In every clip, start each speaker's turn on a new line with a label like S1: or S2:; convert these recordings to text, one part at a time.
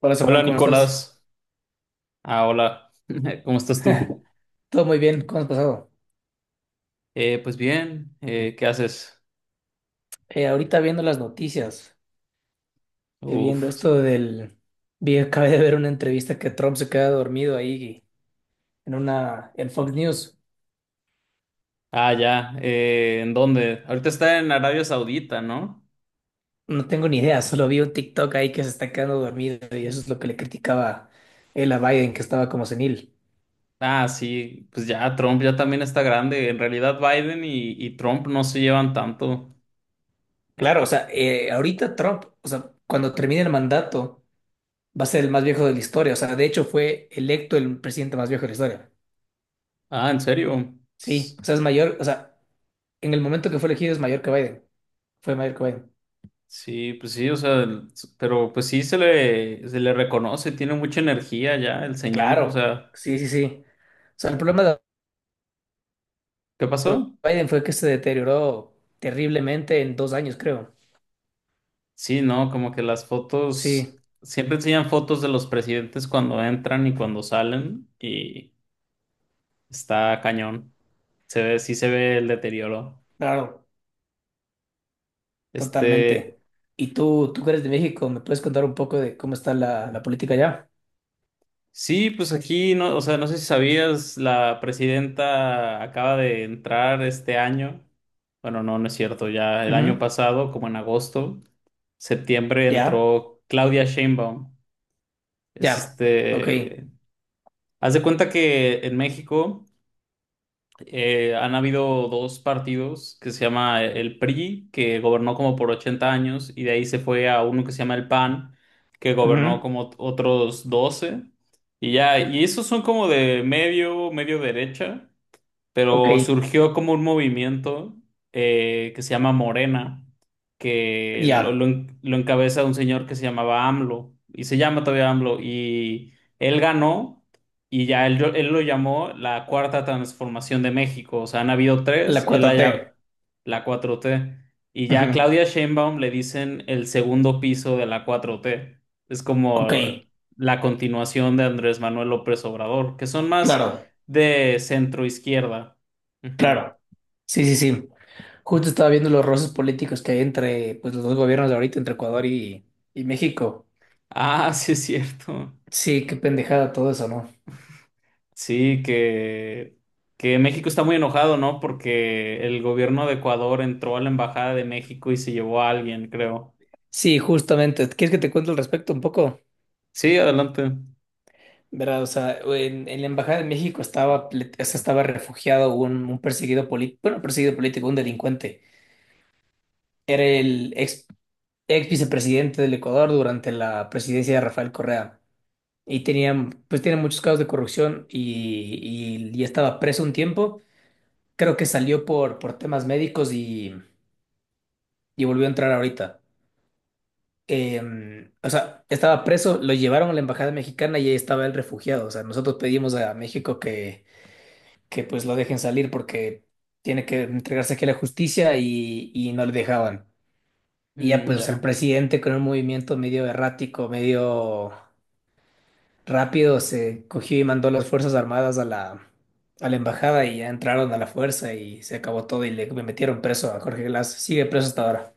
S1: Hola
S2: Hola
S1: Samuel, ¿cómo estás?
S2: Nicolás, hola, ¿cómo estás tú?
S1: Todo muy bien, ¿cómo has pasado?
S2: Pues bien, ¿qué haces?
S1: Ahorita viendo las noticias, viendo
S2: Uf,
S1: esto del... Acabé de ver una entrevista que Trump se queda dormido ahí en una... en Fox News.
S2: ya, ¿en dónde? Ahorita está en Arabia Saudita, ¿no?
S1: No tengo ni idea, solo vi un TikTok ahí que se está quedando dormido y eso es lo que le criticaba él a Biden, que estaba como senil.
S2: Ah, sí, pues ya Trump ya también está grande, en realidad Biden y Trump no se llevan tanto.
S1: Claro, o sea, ahorita Trump, o sea, cuando termine el mandato, va a ser el más viejo de la historia. O sea, de hecho fue electo el presidente más viejo de la historia.
S2: Ah, ¿en serio?
S1: Sí,
S2: Pues,
S1: o sea, es mayor, o sea, en el momento que fue elegido es mayor que Biden. Fue Michael Cohen.
S2: sí, pues sí, o sea, pero pues sí se le reconoce, tiene mucha energía ya el señor, o
S1: Claro,
S2: sea,
S1: sí, sí, sí. O sea, el problema de
S2: ¿qué pasó?
S1: Biden fue que se deterioró terriblemente en dos años, creo.
S2: Sí, ¿no? Como que las fotos,
S1: Sí,
S2: siempre enseñan fotos de los presidentes cuando entran y cuando salen y está cañón. Se ve, sí se ve el deterioro.
S1: claro,
S2: Este,
S1: totalmente. Y tú que eres de México, ¿me puedes contar un poco de cómo está la política allá?
S2: sí, pues aquí, no, o sea, no sé si sabías, la presidenta acaba de entrar este año. Bueno, no, no es cierto, ya el año
S1: Ujú.
S2: pasado, como en agosto, septiembre,
S1: Ya,
S2: entró Claudia Sheinbaum. Es
S1: ya, ok.
S2: este, haz de cuenta que en México... han habido dos partidos que se llama el PRI, que gobernó como por 80 años, y de ahí se fue a uno que se llama el PAN, que gobernó
S1: Ujú.
S2: como otros 12. Y ya, y esos son como de medio, medio derecha,
S1: Ok,
S2: pero surgió como un movimiento que se llama Morena, que
S1: ya,
S2: lo encabeza un señor que se llamaba AMLO, y se llama todavía AMLO, y él ganó, y ya él lo llamó la cuarta transformación de México, o sea, han habido
S1: la
S2: tres,
S1: cuarta t.
S2: la cuatro t, y ya a
S1: Ujú.
S2: Claudia Sheinbaum le dicen el segundo piso de la cuatro t. Es
S1: Ok,
S2: como... la continuación de Andrés Manuel López Obrador, que son más
S1: claro.
S2: de centro izquierda. Ujú.
S1: Claro, sí, sí, sí. Justo estaba viendo los roces políticos que hay entre pues, los dos gobiernos de ahorita, entre Ecuador y México.
S2: Ah, sí es cierto.
S1: Sí, qué pendejada todo eso, ¿no?
S2: Sí, que México está muy enojado, ¿no? Porque el gobierno de Ecuador entró a la Embajada de México y se llevó a alguien, creo.
S1: Sí, justamente. ¿Quieres que te cuente al respecto un poco?
S2: Sí, adelante.
S1: Verás, o sea, en la Embajada de México estaba, o sea, estaba refugiado un perseguido político, bueno, perseguido político, un delincuente. Era el ex vicepresidente del Ecuador durante la presidencia de Rafael Correa. Y tenía, pues, tenía muchos casos de corrupción y, y estaba preso un tiempo. Creo que salió por temas médicos y volvió a entrar ahorita. O sea, estaba preso, lo llevaron a la embajada mexicana y ahí estaba el refugiado. O sea, nosotros pedimos a México que pues lo dejen salir porque tiene que entregarse aquí a la justicia y no le dejaban. Y ya
S2: Mm,
S1: pues el
S2: ya,
S1: presidente con un movimiento medio errático, medio rápido, se cogió y mandó las Fuerzas Armadas a a la embajada y ya entraron a la fuerza y se acabó todo y le metieron preso a Jorge Glass. Sigue preso hasta ahora.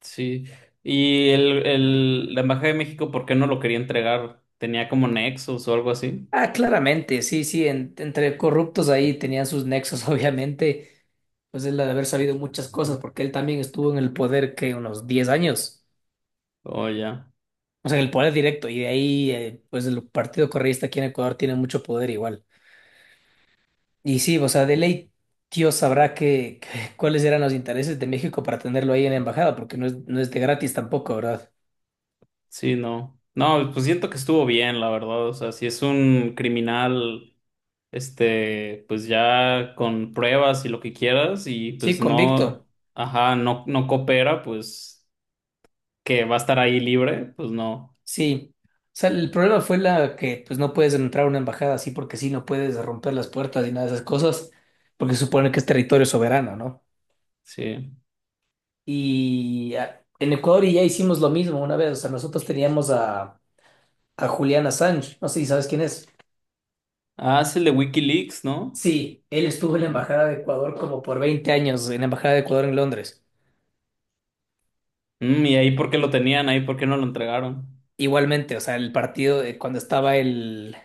S2: sí. Y la Embajada de México, ¿por qué no lo quería entregar? ¿Tenía como nexos o algo así?
S1: Ah, claramente, sí, sí, entre corruptos ahí tenían sus nexos, obviamente, pues él ha de haber sabido muchas cosas, porque él también estuvo en el poder que unos 10 años,
S2: Oh, ya.
S1: o sea, en el poder directo, y de ahí, pues el Partido Correísta aquí en Ecuador tiene mucho poder igual. Y sí, o sea, de ley, Dios sabrá que, cuáles eran los intereses de México para tenerlo ahí en la embajada, porque no es, no es de gratis tampoco, ¿verdad?
S2: Sí, no. No, pues siento que estuvo bien, la verdad. O sea, si es un criminal, este, pues ya con pruebas y lo que quieras, y
S1: Sí,
S2: pues no,
S1: convicto.
S2: ajá, no, no coopera, pues que va a estar ahí libre, pues no.
S1: Sí, o sea, el problema fue la que pues no puedes entrar a una embajada así porque sí, no puedes romper las puertas y nada de esas cosas, porque se supone que es territorio soberano, ¿no?
S2: Sí.
S1: Y ah, en Ecuador ya hicimos lo mismo una vez, o sea, nosotros teníamos a Julián Assange, no sé si sabes quién es.
S2: Ah, es el de WikiLeaks, ¿no?
S1: Sí, él estuvo en la
S2: Mm.
S1: embajada de Ecuador como por 20 años, en la embajada de Ecuador en Londres.
S2: Mm, ¿y ahí por qué lo tenían? ¿Ahí por qué no lo entregaron?
S1: Igualmente, o sea, el partido, cuando estaba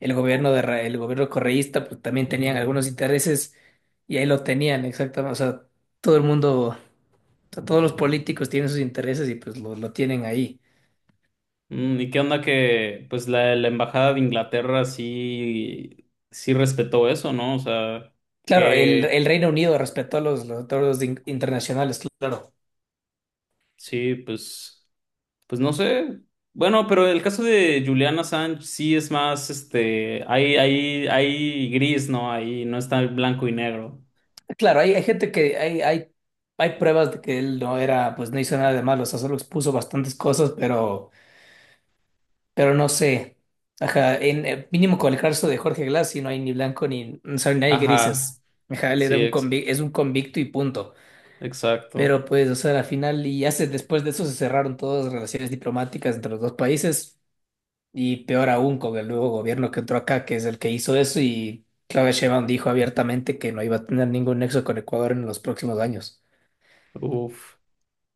S1: el gobierno de, el gobierno correísta, pues también tenían algunos intereses y ahí lo tenían, exactamente. O sea, todo el mundo, o sea, todos los políticos tienen sus intereses y pues lo tienen ahí.
S2: Mm, ¿y qué onda que, pues la embajada de Inglaterra sí, sí respetó eso, ¿no? O sea,
S1: Claro,
S2: que
S1: el Reino Unido respetó los acuerdos internacionales, claro.
S2: sí, pues. Pues no sé. Bueno, pero el caso de Julian Assange sí es más, este, hay gris, ¿no? Ahí no está el blanco y negro.
S1: Claro, hay gente que hay pruebas de que él no era, pues no hizo nada de malo, o sea, solo expuso bastantes cosas, pero. Pero no sé. Ajá, en, mínimo con el caso de Jorge Glass, y no hay ni blanco ni, o sea, ni hay
S2: Ajá,
S1: grises. Ajá, él
S2: sí,
S1: era un es un convicto y punto.
S2: exacto.
S1: Pero pues, o sea, al final, y hace, después de eso se cerraron todas las relaciones diplomáticas entre los dos países, y peor aún con el nuevo gobierno que entró acá, que es el que hizo eso, y Claudia Sheinbaum dijo abiertamente que no iba a tener ningún nexo con Ecuador en los próximos años.
S2: Uf.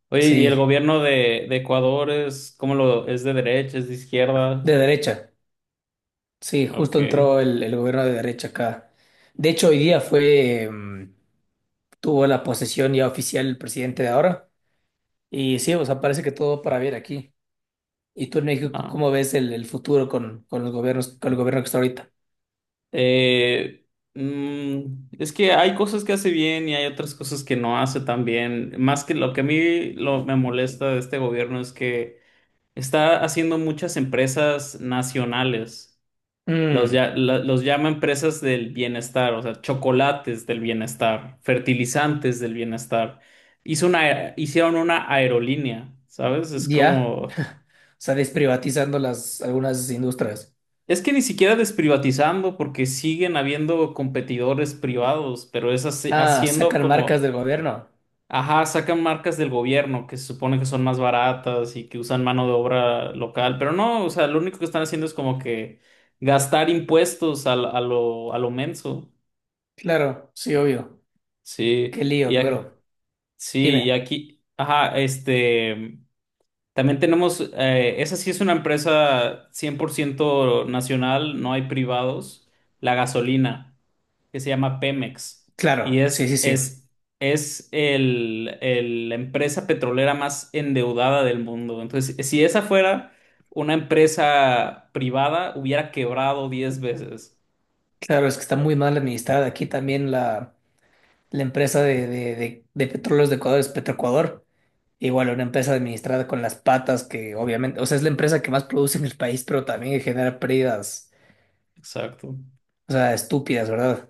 S2: Oye, ¿y el
S1: Sí,
S2: gobierno de Ecuador es, cómo lo, es de derecha, es de izquierda?
S1: de derecha. Sí,
S2: Ok,
S1: justo entró el gobierno de derecha acá. De hecho, hoy día fue. Tuvo la posesión ya oficial el presidente de ahora. Y sí, o sea, parece que todo va para bien aquí. ¿Y tú en México
S2: ah.
S1: cómo ves el futuro con los gobiernos, con el gobierno que está ahorita?
S2: Eh, mm, es que hay cosas que hace bien y hay otras cosas que no hace tan bien. Más que lo que a mí lo, me molesta de este gobierno es que está haciendo muchas empresas nacionales. Los,
S1: Mm,
S2: ya- la- los llama empresas del bienestar, o sea, chocolates del bienestar, fertilizantes del bienestar. Hicieron una aerolínea, ¿sabes? Es
S1: ya,
S2: como...
S1: o sea, desprivatizando las, algunas industrias.
S2: Es que ni siquiera desprivatizando porque siguen habiendo competidores privados, pero es
S1: Ah,
S2: haciendo
S1: sacan marcas
S2: como...
S1: del gobierno.
S2: Ajá, sacan marcas del gobierno que se supone que son más baratas y que usan mano de obra local, pero no, o sea, lo único que están haciendo es como que gastar impuestos a lo menso.
S1: Claro, sí, obvio. Qué
S2: Sí,
S1: lío,
S2: y ac-
S1: pero
S2: sí, y
S1: dime.
S2: aquí, ajá, este. También tenemos, esa sí es una empresa 100 por ciento nacional, no hay privados, la gasolina, que se llama Pemex, y
S1: Claro, sí, sí, sí.
S2: es la empresa petrolera más endeudada del mundo. Entonces, si esa fuera una empresa privada, hubiera quebrado 10 veces.
S1: Claro, es que está muy mal administrada aquí también la empresa de petróleos de Ecuador, es Petroecuador. Igual una empresa administrada con las patas que obviamente, o sea, es la empresa que más produce en el país, pero también genera pérdidas,
S2: Exacto.
S1: o sea, estúpidas, ¿verdad?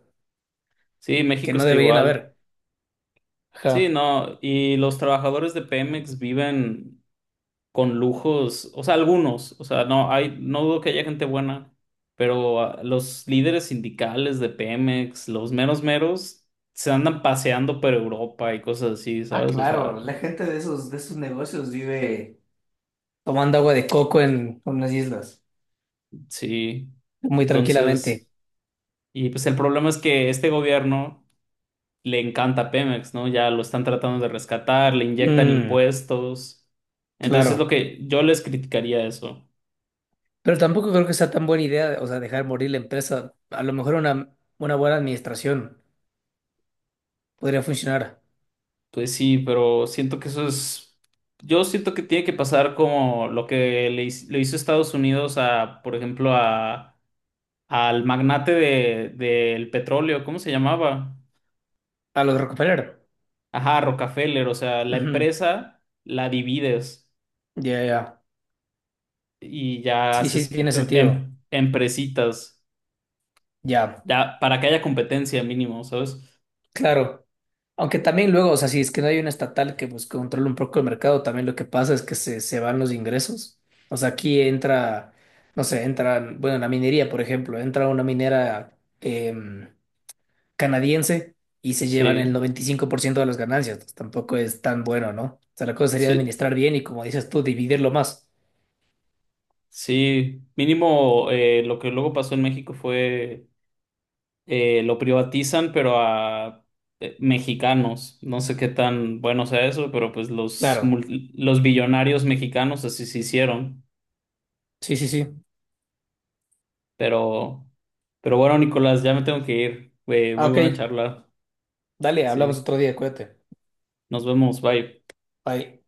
S2: Sí,
S1: Que
S2: México
S1: no
S2: está
S1: deberían
S2: igual.
S1: haber.
S2: Sí,
S1: Ajá.
S2: no, y los trabajadores de Pemex viven con lujos, o sea, algunos, o sea, no hay, no dudo que haya gente buena, pero los líderes sindicales de Pemex, los meros meros, se andan paseando por Europa y cosas así,
S1: Ah,
S2: ¿sabes? O
S1: claro,
S2: sea,
S1: la gente de esos negocios vive tomando agua de coco en unas islas,
S2: sí.
S1: muy tranquilamente.
S2: Entonces, y pues el problema es que este gobierno le encanta Pemex, ¿no? Ya lo están tratando de rescatar, le inyectan
S1: Mm,
S2: impuestos. Entonces es lo
S1: claro.
S2: que yo les criticaría eso.
S1: Pero tampoco creo que sea tan buena idea, o sea, dejar morir la empresa. A lo mejor una buena administración podría funcionar.
S2: Pues sí, pero siento que eso es, yo siento que tiene que pasar como lo que le, le hizo Estados Unidos a, por ejemplo, a, al magnate del petróleo, ¿cómo se llamaba?
S1: A los Rockefeller.
S2: Ajá, Rockefeller, o sea, la
S1: Ujú.
S2: empresa la divides
S1: Ya, ya.
S2: y ya
S1: Sí, sí,
S2: haces
S1: tiene sentido.
S2: empresitas,
S1: Ya.
S2: ya para que haya competencia mínimo, ¿sabes?
S1: Claro, aunque también luego, o sea, si es que no hay una estatal que pues controle un poco el mercado, también lo que pasa es que se van los ingresos. O sea, aquí entra, no sé, entra, bueno, la minería, por ejemplo, entra una minera em, canadiense y se llevan el
S2: Sí,
S1: 95% de las ganancias. Pues, tampoco es tan bueno, ¿no? O sea, la cosa sería
S2: sí,
S1: administrar bien y como dices tú, dividirlo más.
S2: sí, mínimo lo que luego pasó en México fue lo privatizan, pero a mexicanos. No sé qué tan bueno sea eso, pero pues
S1: Claro,
S2: los billonarios mexicanos así se hicieron.
S1: sí, sí, sí.
S2: Pero, pero bueno, Nicolás, ya me tengo que ir.
S1: Ah,
S2: Muy
S1: ok,
S2: buena charla.
S1: dale, hablamos
S2: Sí,
S1: otro día, cuídate.
S2: nos vemos, bye.
S1: Bye.